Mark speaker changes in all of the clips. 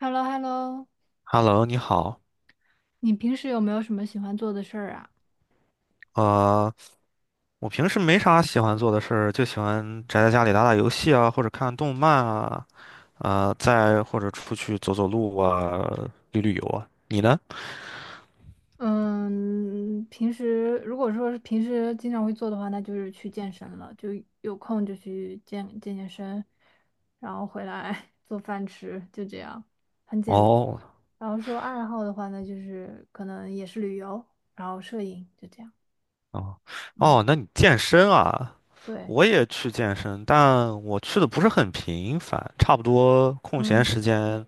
Speaker 1: h e l l o h e l l o
Speaker 2: Hello，你好。
Speaker 1: 你平时有没有什么喜欢做的事儿啊？
Speaker 2: 呃，我平时没啥喜欢做的事儿，就喜欢宅在家里打打游戏啊，或者看动漫啊，再或者出去走走路啊，游啊。你呢？
Speaker 1: 嗯，平时如果说是平时经常会做的话，那就是去健身了，就有空就去健身，然后回来 做饭吃，就这样，很简单。
Speaker 2: 哦，
Speaker 1: 然后说爱好的话呢，就是可能也是旅游，然后摄影，就这样。
Speaker 2: 哦，
Speaker 1: 嗯，
Speaker 2: 哦，那你健身啊？
Speaker 1: 对，
Speaker 2: 我也去健身，但我去的不是很频繁，差不多空闲
Speaker 1: 嗯
Speaker 2: 时间，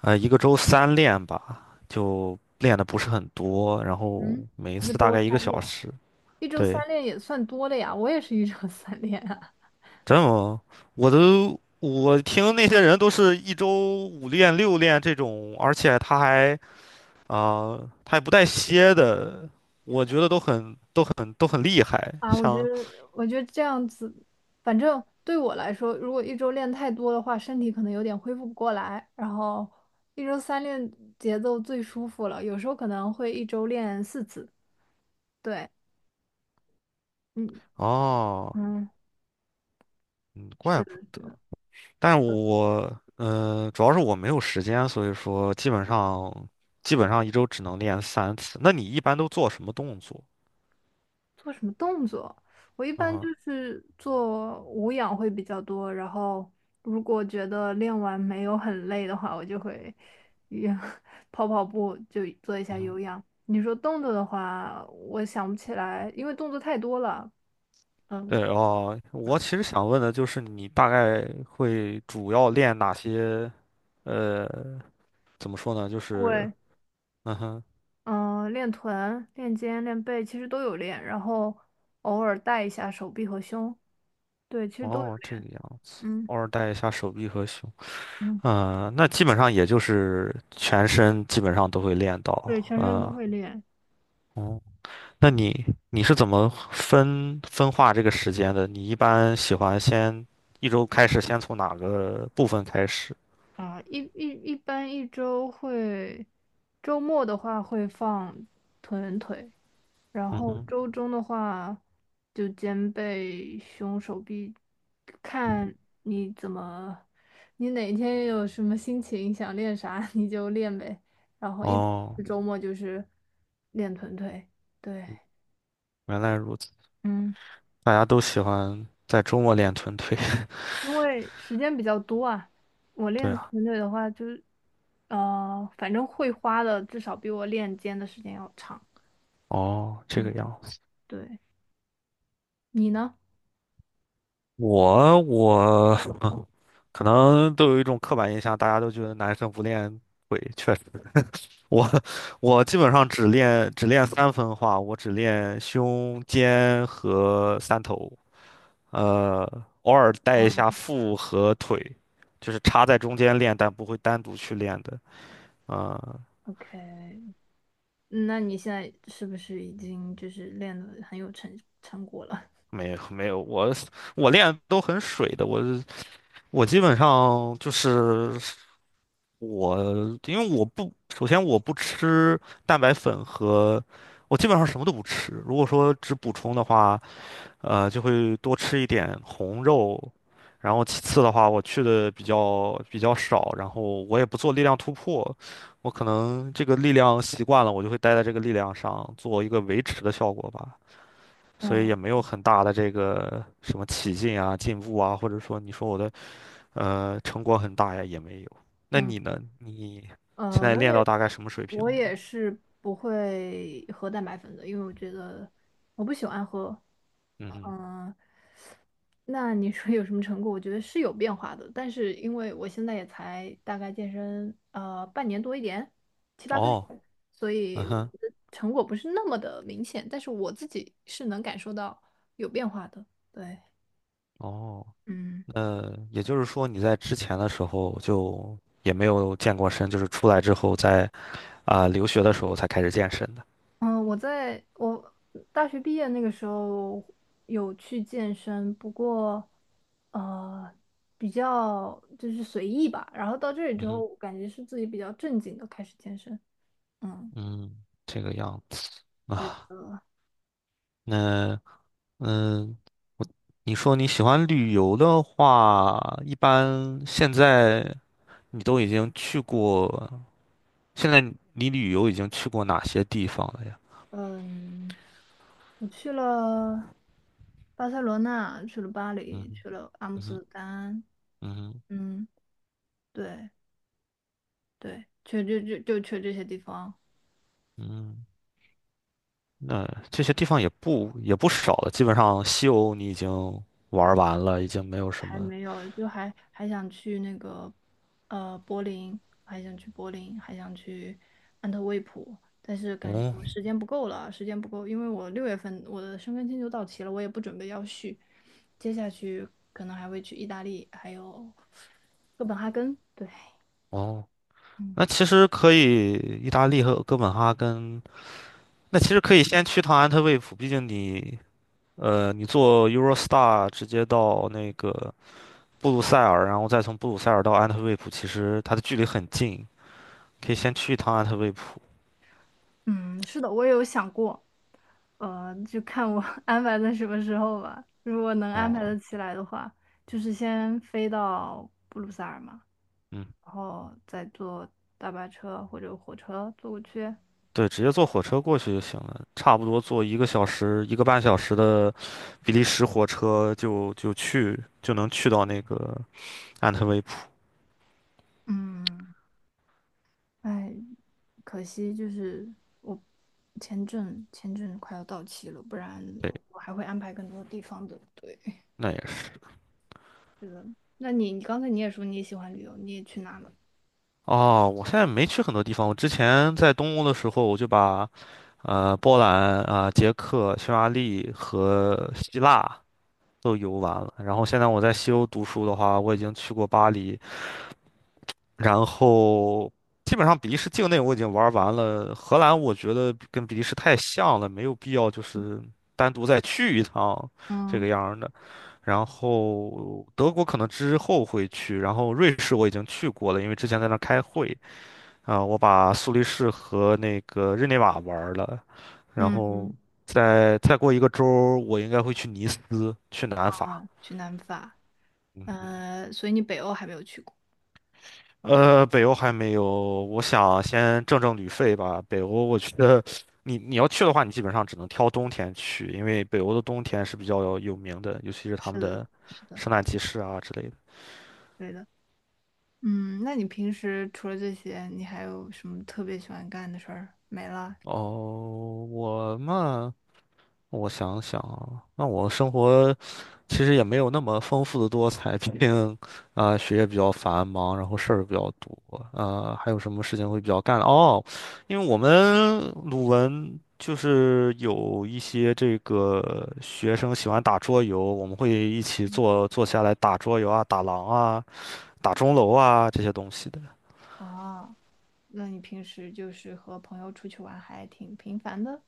Speaker 2: 一个周三练吧，就练的不是很多，然后
Speaker 1: 嗯，
Speaker 2: 每一
Speaker 1: 一
Speaker 2: 次大
Speaker 1: 周
Speaker 2: 概一个
Speaker 1: 三练，
Speaker 2: 小时。
Speaker 1: 一周
Speaker 2: 对。
Speaker 1: 三练也算多了呀，我也是一周三练。啊。
Speaker 2: 真的吗？我听那些人都是一周五练六练这种，而且他还啊、他也不带歇的，我觉得都很厉害。
Speaker 1: 啊，我觉得这样子，反正对我来说，如果一周练太多的话，身体可能有点恢复不过来。然后一周三练节奏最舒服了，有时候可能会一周练四次。对，嗯
Speaker 2: 哦，
Speaker 1: 嗯，
Speaker 2: 嗯，怪不
Speaker 1: 是
Speaker 2: 得。但是我主要是我没有时间，所以说基本上一周只能练三次。那你一般都做什么动作？
Speaker 1: 做什么动作？我一
Speaker 2: 啊
Speaker 1: 般就
Speaker 2: 哈，
Speaker 1: 是做无氧会比较多，然后如果觉得练完没有很累的话，我就会也 跑跑步，就做一下有氧。你说动作的话，我想不起来，因为动作太多了。嗯，
Speaker 2: 对哦，我其实想问的就是，你大概会主要练哪些？呃，怎么说呢？就是，
Speaker 1: 对，
Speaker 2: 嗯哼，
Speaker 1: 嗯，练臀、练肩、练背其实都有练，然后偶尔带一下手臂和胸，对，其实都有
Speaker 2: 哦，这
Speaker 1: 练。
Speaker 2: 个样，
Speaker 1: 嗯
Speaker 2: 偶尔带一下手臂和胸。
Speaker 1: 嗯，
Speaker 2: 嗯，那基本上也就是全身基本上都会练到。
Speaker 1: 对，全身
Speaker 2: 嗯，
Speaker 1: 都会练。
Speaker 2: 哦，那你是怎么分化这个时间的？你一般喜欢先一周开始，先从哪个部分开始？
Speaker 1: 啊，一般一周会，周末的话会放臀腿，然
Speaker 2: 嗯
Speaker 1: 后
Speaker 2: 哼，
Speaker 1: 周中的话就肩背、胸、手臂，
Speaker 2: 嗯，
Speaker 1: 看你怎么，你哪天有什么心情想练啥 你就练呗。然后一般
Speaker 2: 哦，
Speaker 1: 是周末就是练臀腿，对，
Speaker 2: 原来如此。
Speaker 1: 嗯。
Speaker 2: 大家都喜欢在周末练臀腿。
Speaker 1: 因为时间比较多啊，我
Speaker 2: 对
Speaker 1: 练
Speaker 2: 啊，
Speaker 1: 臀腿的话，就是，反正会花的至少比我练肩的时间要长。
Speaker 2: 哦，这个
Speaker 1: 嗯，
Speaker 2: 样子。
Speaker 1: 对，你呢
Speaker 2: 我可能都有一种刻板印象，大家都觉得男生不练腿，确实，我 我基本上只练三分化，我只练胸肩和三头，呃，偶尔带一下腹和腿，就是插在中间练，但不会单独去练的。呃，
Speaker 1: ？OK，那你现在是不是已经就是练的很有成果了？
Speaker 2: 没有没有，我练都很水的，我基本上就是。我因为我不，首先我不吃蛋白粉和，我基本上什么都不吃。如果说只补充的话，就会多吃一点红肉，然后其次的话，我去的比较少，然后我也不做力量突破，我可能这个力量习惯了，我就会待在这个力量上做一个维持的效果吧，所以
Speaker 1: 嗯
Speaker 2: 也没有很大的这个什么起劲啊、进步啊，或者说你说我的。成果很大呀，也没有。那
Speaker 1: 嗯，
Speaker 2: 你呢？你现
Speaker 1: 呃，
Speaker 2: 在
Speaker 1: 我
Speaker 2: 练到
Speaker 1: 也
Speaker 2: 大概什么水平
Speaker 1: 我
Speaker 2: 了？
Speaker 1: 也是不会喝蛋白粉的，因为我觉得我不喜欢喝。
Speaker 2: 嗯哼，
Speaker 1: 嗯、那你说有什么成果？我觉得是有变化的，但是因为我现在也才大概健身半年多一点，七八个月，
Speaker 2: 哦，
Speaker 1: 所
Speaker 2: 嗯
Speaker 1: 以我觉
Speaker 2: 哼，
Speaker 1: 得成果不是那么的明显，但是我自己是能感受到有变化的。对，
Speaker 2: 哦，
Speaker 1: 嗯
Speaker 2: 那也就是说你在之前的时候就也没有健过身，就是出来之后在留学的时候才开始健身的。
Speaker 1: 嗯，我大学毕业那个时候有去健身，不过呃比较就是随意吧，然后到这里之后，我感觉是自己比较正经的开始健身。嗯，
Speaker 2: 嗯，这个样子
Speaker 1: 对
Speaker 2: 啊。
Speaker 1: 的。
Speaker 2: 那嗯，你说你喜欢旅游的话，一般现在你都已经去过，现在你旅游已经去过哪些地方了呀？
Speaker 1: 嗯，我去了巴塞罗那，去了巴
Speaker 2: 嗯。
Speaker 1: 黎，去了阿姆
Speaker 2: 嗯
Speaker 1: 斯
Speaker 2: 哼，
Speaker 1: 特丹，
Speaker 2: 嗯哼，
Speaker 1: 嗯，对对，就就就去这些地方，
Speaker 2: 嗯，那这些地方也不少了，基本上西欧你已经玩儿完了，已经没有什
Speaker 1: 还
Speaker 2: 么。
Speaker 1: 没有，就还想去那个柏林，还想去柏林，还想去安特卫普，但是感觉
Speaker 2: 哦
Speaker 1: 我时间不够了，时间不够，因为我六月份我的申根签就到期了，我也不准备要续，接下去可能还会去意大利，还有哥本哈根，对。
Speaker 2: 哦，
Speaker 1: 嗯。
Speaker 2: 那其实可以，意大利和哥本哈根，那其实可以先去趟安特卫普，毕竟你坐 Eurostar 直接到那个布鲁塞尔，然后再从布鲁塞尔到安特卫普，其实它的距离很近，可以先去一趟安特卫普。
Speaker 1: 嗯，是的，我也有想过，呃，就看我 安排在什么时候吧。如果能安
Speaker 2: 哦，
Speaker 1: 排得起来的话，就是先飞到布鲁塞尔嘛，
Speaker 2: 嗯。
Speaker 1: 然后再坐大巴车或者火车坐过去。
Speaker 2: 对，直接坐火车过去就行了，差不多坐一个小时、一个半小时的比利时火车就能去到那个安特卫普。
Speaker 1: 嗯，哎，可惜就是我签证快要到期了，不然
Speaker 2: 对，
Speaker 1: 我还会安排更多地方的。对，
Speaker 2: 那也是。
Speaker 1: 是的。那你刚才你也说你也喜欢旅游，你也去哪了？
Speaker 2: 哦，我现在没去很多地方。我之前在东欧的时候，我就把波兰啊、捷克、匈牙利和希腊都游完了。然后现在我在西欧读书的话，我已经去过巴黎，然后基本上比利时境内我已经玩完了，荷兰我觉得跟比利时太像了，没有必要就是单独再去一趟这
Speaker 1: 嗯
Speaker 2: 个样儿的。然后德国可能之后会去，然后瑞士我已经去过了，因为之前在那儿开会啊，我把苏黎世和那个日内瓦玩了，然
Speaker 1: 嗯
Speaker 2: 后
Speaker 1: 嗯，
Speaker 2: 再过一个周儿我应该会去尼斯，去南法。
Speaker 1: 啊去南法。
Speaker 2: 嗯，
Speaker 1: 呃，所以你北欧还没有去过。
Speaker 2: 北欧还没有，我想先挣挣旅费吧。北欧，我觉得你要去的话，你基本上只能挑冬天去，因为北欧的冬天是比较有名的，尤其是他
Speaker 1: 是
Speaker 2: 们
Speaker 1: 的，
Speaker 2: 的
Speaker 1: 是的，
Speaker 2: 圣诞集市啊之类的。
Speaker 1: 对的。嗯，那你平时除了这些，你还有什么特别喜欢干的事儿？没了。
Speaker 2: 哦，我嘛，我想想啊，那我生活。其实也没有那么丰富的多彩，毕竟，学业比较繁忙，然后事儿比较多，还有什么事情会比较干哦？因为我们鲁文就是有一些这个学生喜欢打桌游，我们会一起坐下来打桌游啊、打狼啊、打钟楼啊这些东西的，
Speaker 1: 啊？那你平时就是和朋友出去玩还挺频繁的？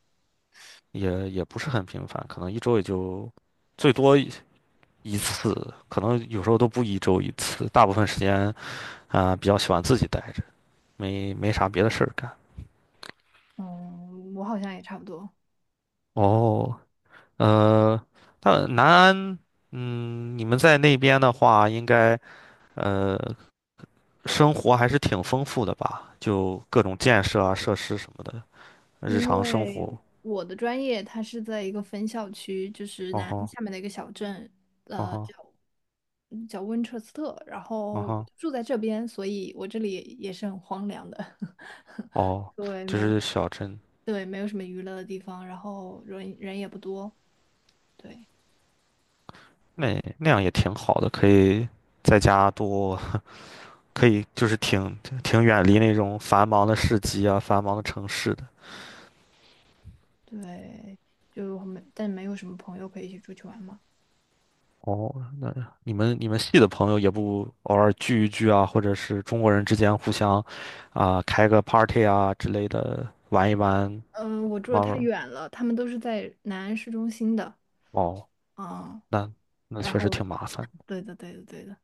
Speaker 2: 也不是很频繁，可能一周也就最多一次，可能有时候都不一周一次，大部分时间比较喜欢自己待着。没啥别的事儿干。
Speaker 1: 嗯，我好像也差不多，
Speaker 2: 哦，呃，那南安，嗯，你们在那边的话，应该呃，生活还是挺丰富的吧？就各种建设啊、设施什么的，日
Speaker 1: 因
Speaker 2: 常生
Speaker 1: 为
Speaker 2: 活。
Speaker 1: 我的专业它是在一个分校区，就是
Speaker 2: 哦
Speaker 1: 南安
Speaker 2: 吼，
Speaker 1: 下面的一个小镇，
Speaker 2: 哦
Speaker 1: 呃，叫
Speaker 2: 吼，
Speaker 1: 叫温彻斯特，然
Speaker 2: 哦
Speaker 1: 后我
Speaker 2: 吼，
Speaker 1: 就住在这边，所以我这里也是很荒凉的。
Speaker 2: 哦，
Speaker 1: 对，
Speaker 2: 就
Speaker 1: 没有。
Speaker 2: 是小镇，
Speaker 1: 对，没有什么娱乐的地方，然后人也不多，对
Speaker 2: 那样也挺好的，可以在家多，可以就是挺远离那种繁忙的市集啊、繁忙的城市的。
Speaker 1: 对，就没，但没有什么朋友可以一起出去玩嘛。
Speaker 2: 哦，那你们系的朋友也不偶尔聚一聚啊，或者是中国人之间互相开个 party 啊之类的玩一玩，
Speaker 1: 嗯，我住的
Speaker 2: 玩
Speaker 1: 太
Speaker 2: 玩
Speaker 1: 远了，他们都是在南安市中心的，
Speaker 2: 哦，
Speaker 1: 嗯，
Speaker 2: 那那
Speaker 1: 然
Speaker 2: 确实
Speaker 1: 后，
Speaker 2: 挺麻烦，
Speaker 1: 对的，对的，对的，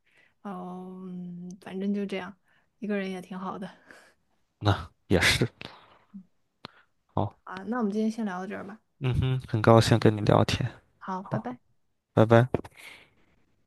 Speaker 1: 嗯，反正就这样，一个人也挺好的。
Speaker 2: 那也是。好，
Speaker 1: 啊，那我们今天先聊到这儿吧，
Speaker 2: 嗯哼，很高兴跟你聊天，
Speaker 1: 好，拜
Speaker 2: 好，
Speaker 1: 拜。
Speaker 2: 拜拜。